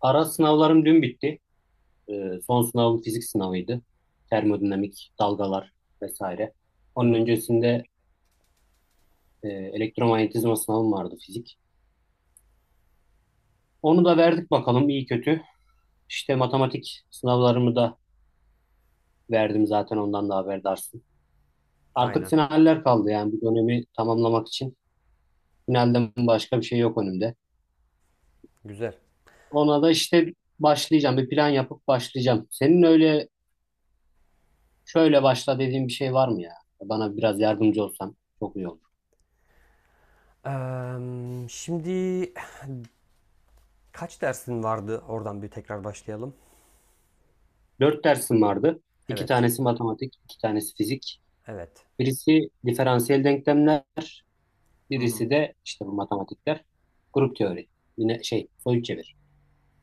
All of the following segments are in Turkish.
Ara sınavlarım dün bitti. Son sınavım fizik sınavıydı. Termodinamik, dalgalar vesaire. Hı Onun hı. öncesinde elektromanyetizma sınavım vardı fizik. Onu da verdik bakalım iyi kötü. İşte matematik sınavlarımı da verdim zaten ondan da haberdarsın. Artık Aynen. finaller kaldı yani bir dönemi tamamlamak için. Finalden başka bir şey yok önümde. Güzel. Ona da işte başlayacağım. Bir plan yapıp başlayacağım. Senin öyle şöyle başla dediğin bir şey var mı ya? Bana biraz yardımcı olsan çok iyi olur. Şimdi kaç dersin vardı? Oradan bir tekrar başlayalım. Dört dersim vardı. İki Evet. tanesi matematik, iki tanesi fizik. Evet. Birisi diferansiyel denklemler, Hı hı. birisi de işte bu matematikler. Grup teori. Yine şey, soyut çevir.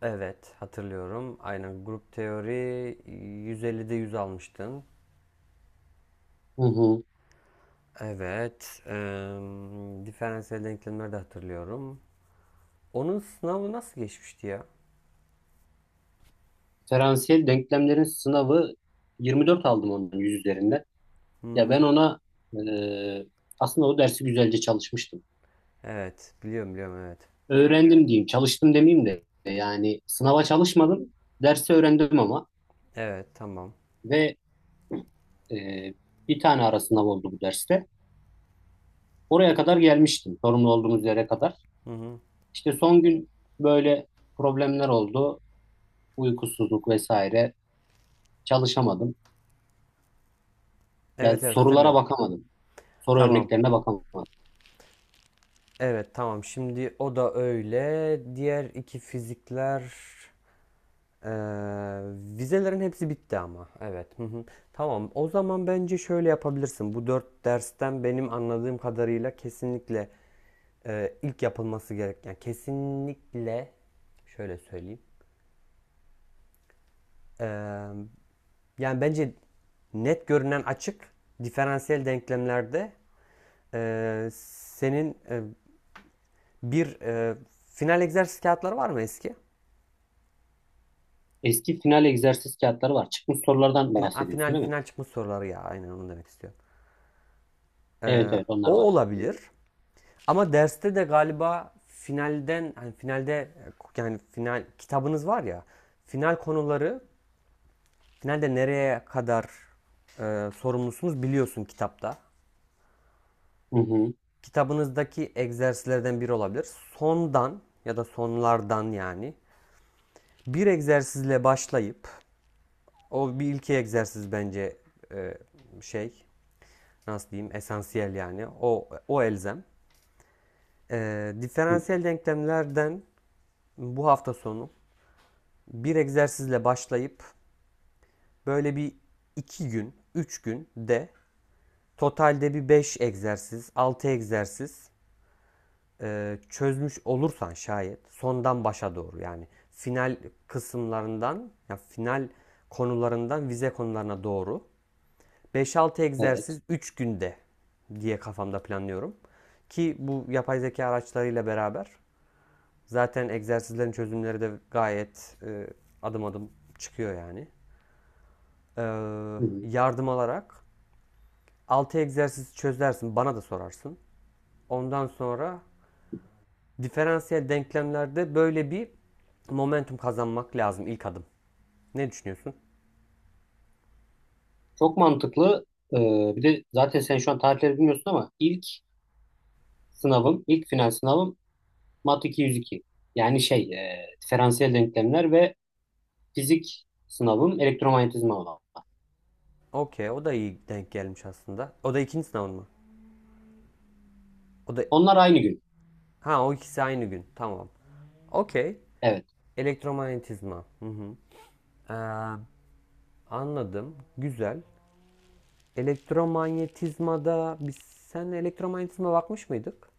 Evet, hatırlıyorum. Aynen grup teori 150'de 100 almıştın. Hı hı. Evet. Diferansiyel denklemleri de hatırlıyorum. Onun sınavı nasıl geçmişti ya? Diferansiyel denklemlerin sınavı 24 aldım onun 100 üzerinden. Hı Ya hı. ben ona e, aslında o dersi güzelce çalışmıştım. Evet, biliyorum biliyorum, evet. Öğrendim diyeyim, çalıştım demeyeyim de yani sınava çalışmadım, dersi öğrendim ama Evet, tamam. ve e, bir tane ara sınav oldu bu derste. Oraya kadar gelmiştim, sorumlu olduğumuz yere kadar. Hı hı. İşte son gün böyle problemler oldu, uykusuzluk vesaire. Çalışamadım. Yani Evet, evet, sorulara hatırlıyorum. bakamadım, soru Tamam. örneklerine bakamadım. Evet, tamam, şimdi o da öyle. Diğer iki fizikler eee, vizelerin hepsi bitti ama. Evet. Hı hı. Tamam, o zaman bence şöyle yapabilirsin. Bu dört dersten benim anladığım kadarıyla kesinlikle ilk yapılması gereken kesinlikle, şöyle söyleyeyim. Eee, Yani bence net görünen açık diferansiyel denklemlerde, senin bir final egzersiz kağıtları var mı eski? Eski final egzersiz kağıtları var. Çıkmış sorulardan Fina- bahsediyorsun Final, değil mi? final, çıkmış soruları ya, aynen onu demek istiyorum. Evet Ee, evet onlar O var olabilir. elimde. Ama derste de galiba finalden, hani finalde, yani final kitabınız var ya, final konuları, finalde nereye kadar sorumlusunuz biliyorsun kitapta. Hı hı. Kitabınızdaki egzersizlerden biri olabilir. Sondan ya da sonlardan yani bir egzersizle başlayıp, o bir ilki egzersiz bence e, şey, nasıl diyeyim, esansiyel yani, o elzem. Hı. Diferansiyel denklemlerden bu hafta sonu bir egzersizle başlayıp böyle bir 2 gün, 3 gün de totalde bir 5 egzersiz, 6 egzersiz çözmüş olursan şayet, sondan başa doğru yani, final kısımlarından ya final konularından vize konularına doğru beş altı Evet. egzersiz 3 günde diye kafamda planlıyorum. Ki bu yapay zeka araçlarıyla beraber zaten egzersizlerin çözümleri de gayet adım adım çıkıyor yani. Ee, Hı hı. Yardım alarak 6 egzersiz çözersin, bana da sorarsın. Ondan sonra diferansiyel denklemlerde böyle bir momentum kazanmak lazım, ilk adım. Ne düşünüyorsun? Çok mantıklı. Bir de zaten sen şu an tarihleri bilmiyorsun ama ilk final sınavım Mat 202. Yani şey, diferansiyel denklemler ve fizik sınavım elektromanyetizma olan. Okey, o da iyi denk gelmiş aslında. O da ikinci sınavın mı? O da Onlar aynı gün. Ha, o ikisi aynı gün. Tamam. Okey. Evet. Elektromanyetizma. Hı hı. Ee, Anladım. Güzel. Elektromanyetizmada sen elektromanyetizma bakmış mıydık?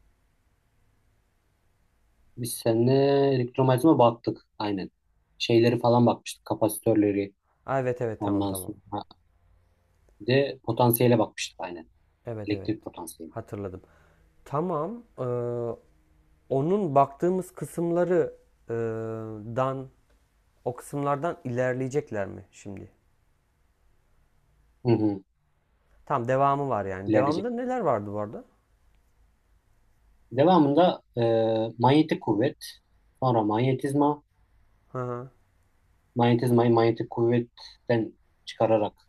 Biz seninle elektromanyetizma baktık. Aynen. Şeyleri falan bakmıştık. Kapasitörleri. Aa, evet, evet, tamam, Ondan tamam. sonra bir de potansiyele bakmıştık aynen. Evet, evet. Elektrik potansiyeli. Hatırladım. Tamam. Onun baktığımız kısımları ee, dan o kısımlardan ilerleyecekler mi şimdi? Hı hı. Tamam, devamı var yani. İlerleyecek. Devamda neler vardı bu arada? Devamında manyetik kuvvet. Sonra manyetizma. Hı hı. Manyetizmayı manyetik kuvvetten çıkararak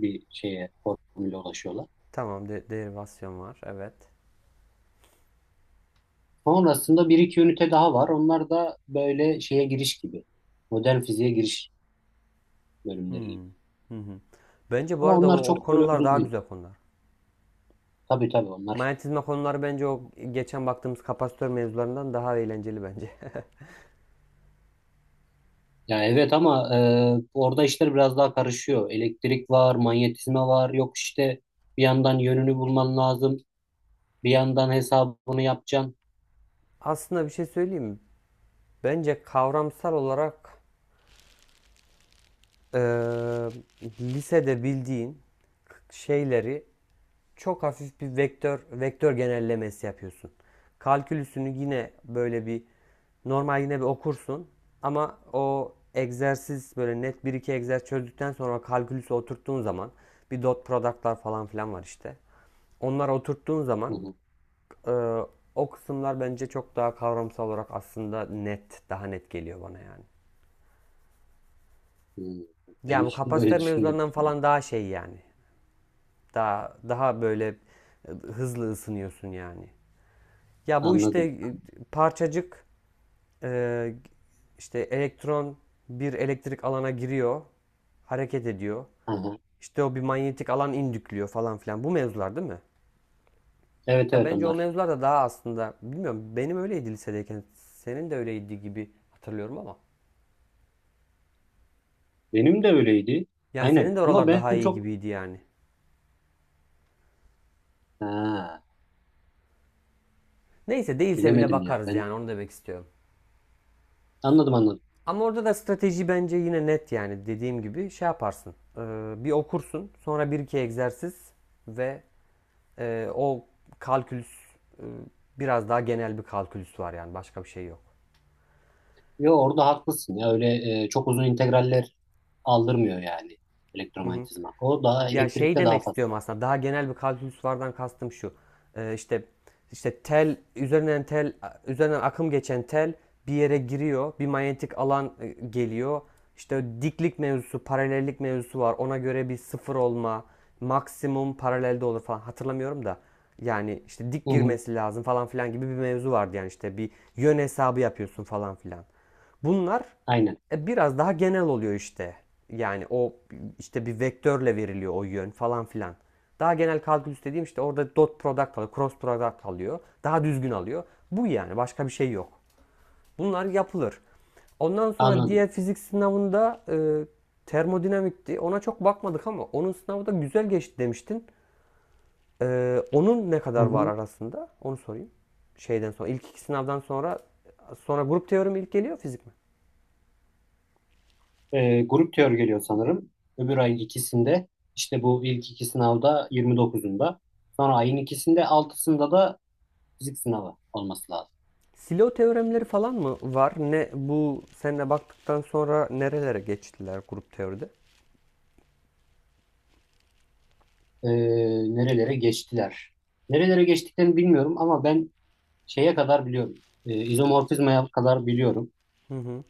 bir şeye formüle ulaşıyorlar. Tamam, derivasyon var. Evet. Sonrasında bir iki ünite daha var. Onlar da böyle şeye giriş gibi. Modern fiziğe giriş bölümleri gibi. Hmm. Hı hı. Bence bu Ama arada onlar o çok öyle konular uzun daha değil. güzel konular. Tabii tabii onlar. Manyetizma konuları bence o geçen baktığımız kapasitör mevzularından daha eğlenceli bence. Ya evet ama orada işler biraz daha karışıyor. Elektrik var, manyetizma var. Yok işte bir yandan yönünü bulman lazım. Bir yandan hesabını yapacaksın. Aslında bir şey söyleyeyim mi? Bence kavramsal olarak eee, lisede bildiğin şeyleri çok hafif bir vektör genellemesi yapıyorsun. Kalkülüsünü yine böyle bir normal yine bir okursun, ama o egzersiz böyle net bir iki egzersiz çözdükten sonra kalkülüsü oturttuğun zaman, bir dot product'lar falan filan var işte. Onları oturttuğun Hı zaman hı. eee, o kısımlar bence çok daha kavramsal olarak aslında net, daha net geliyor bana yani. Hı. Ben Yani bu hiç böyle kapasitör düşünmedim. mevzularından falan daha şey yani. Daha böyle hızlı ısınıyorsun yani. Ya bu işte Anladım. Parçacık, e, işte elektron bir elektrik alana giriyor, hareket ediyor. Aha. İşte o bir manyetik alan indükliyor falan filan. Bu mevzular değil mi? Evet Ya evet bence o onlar. mevzular da daha, aslında bilmiyorum, benim öyleydi lisedeyken. Senin de öyleydi gibi hatırlıyorum ama. Benim de öyleydi. Yani Aynen. senin de Ama oralar ben daha iyi çok gibiydi yani. ha, Neyse, değilse bile bilemedim ya. bakarız Ben yani, onu demek istiyorum. anladım. Ama orada da strateji bence yine net yani, dediğim gibi şey yaparsın. Bir okursun, sonra bir iki egzersiz ve o kalkülüs, e, biraz daha genel bir kalkülüs var yani, başka bir şey yok. Yo orada haklısın ya öyle çok uzun integraller aldırmıyor yani Hı hı. elektromanyetizma. O daha Ya şey elektrikte daha demek istiyorum, fazla. aslında daha genel bir kalkülüs vardan kastım şu. İşte tel üzerinden akım geçen tel bir yere giriyor. Bir manyetik alan geliyor. İşte diklik mevzusu, paralellik mevzusu var. Ona göre bir sıfır olma, maksimum paralelde olur falan, hatırlamıyorum da. Yani işte dik Hı hı, girmesi lazım falan filan gibi bir mevzu vardı yani, işte bir yön hesabı yapıyorsun falan filan. Bunlar aynen biraz daha genel oluyor işte. Yani o işte bir vektörle veriliyor o yön falan filan. Daha genel kalkülüs dediğim işte orada dot product alıyor, cross product alıyor. Daha düzgün alıyor. Bu yani, başka bir şey yok. Bunlar yapılır. Ondan sonra anladım. diğer fizik sınavında termodinamikti. Ona çok bakmadık ama onun sınavı da güzel geçti demiştin. Onun ne Hı kadar var hı. arasında? Onu sorayım. Şeyden sonra ilk iki sınavdan sonra grup teorimi ilk geliyor, fizik mi? Grup teori geliyor sanırım. Öbür ayın ikisinde işte bu ilk iki sınavda 29'unda. Sonra ayın ikisinde altısında da fizik sınavı olması lazım. Silo teoremleri falan mı var? Ne bu, seninle baktıktan sonra nerelere geçtiler grup teoride? E, Nerelere geçtiler? Nerelere geçtiklerini bilmiyorum ama ben şeye kadar biliyorum. İzomorfizmaya kadar biliyorum. Hı hı.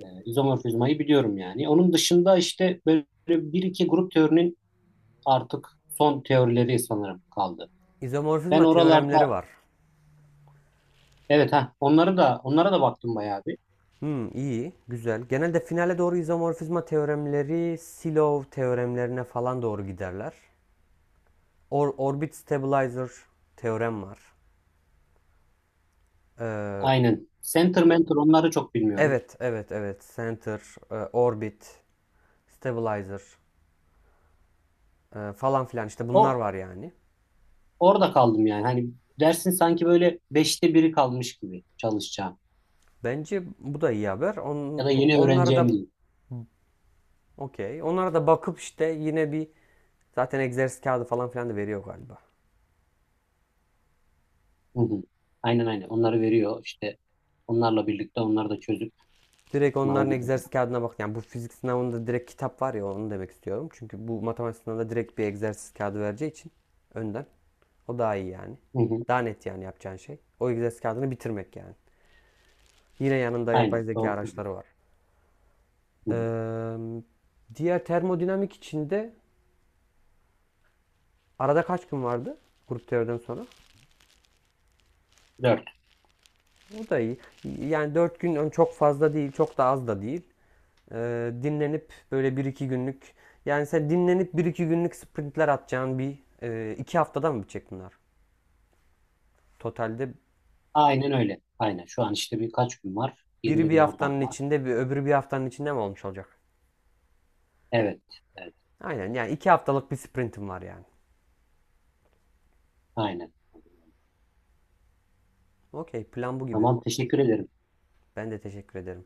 İzomorfizmayı biliyorum yani. Onun dışında işte böyle bir iki grup teorinin artık son teorileri sanırım kaldı. Ben İzomorfizma teoremleri oralarda var. evet ha onları da onlara da baktım bayağı bir. Hmm, iyi, güzel. Genelde finale doğru izomorfizma teoremleri, Silov teoremlerine falan doğru giderler. Orbit stabilizer teorem var. Ee, Aynen. Center mentor onları çok bilmiyorum. evet, evet, evet. Center, orbit, stabilizer, falan filan işte, bunlar O var yani. Orada kaldım yani. Hani dersin sanki böyle beşte biri kalmış gibi çalışacağım. Bence bu da iyi haber. Ya da yeni Onları öğreneceğim da diyeyim. okey. Onlara da bakıp işte yine bir, zaten egzersiz kağıdı falan filan da veriyor galiba. Hı hı. Aynen aynen. Onları veriyor işte. Onlarla birlikte onları da çözüp Direkt sınava onların giriyor. egzersiz kağıdına bak. Yani bu fizik sınavında direkt kitap var ya, onu demek istiyorum. Çünkü bu matematik sınavında direkt bir egzersiz kağıdı vereceği için önden. O daha iyi yani. Hı hı. Daha net yani yapacağın şey. O egzersiz kağıdını bitirmek yani. Yine yanında yapay Aynen. zeka Doğru söylüyorsun. araçları var. Hı hı. Ee, Diğer termodinamik içinde arada kaç gün vardı? Grup teoriden sonra. Dört. O da iyi. Yani 4 gün çok fazla değil, çok da az da değil. Dinlenip böyle bir iki günlük, yani sen dinlenip bir 2 günlük sprintler atacağın bir, 2 haftadan mı bitecek bunlar? Totalde Aynen öyle. Aynen. Şu an işte birkaç gün var. biri 20 bir gün haftanın oradan var. içinde, bir öbürü bir haftanın içinde mi olmuş olacak? Evet. Evet. Aynen, yani 2 haftalık bir sprintim var yani. Aynen. Okey, plan bu gibi. Tamam. Teşekkür ederim. Ben de teşekkür ederim.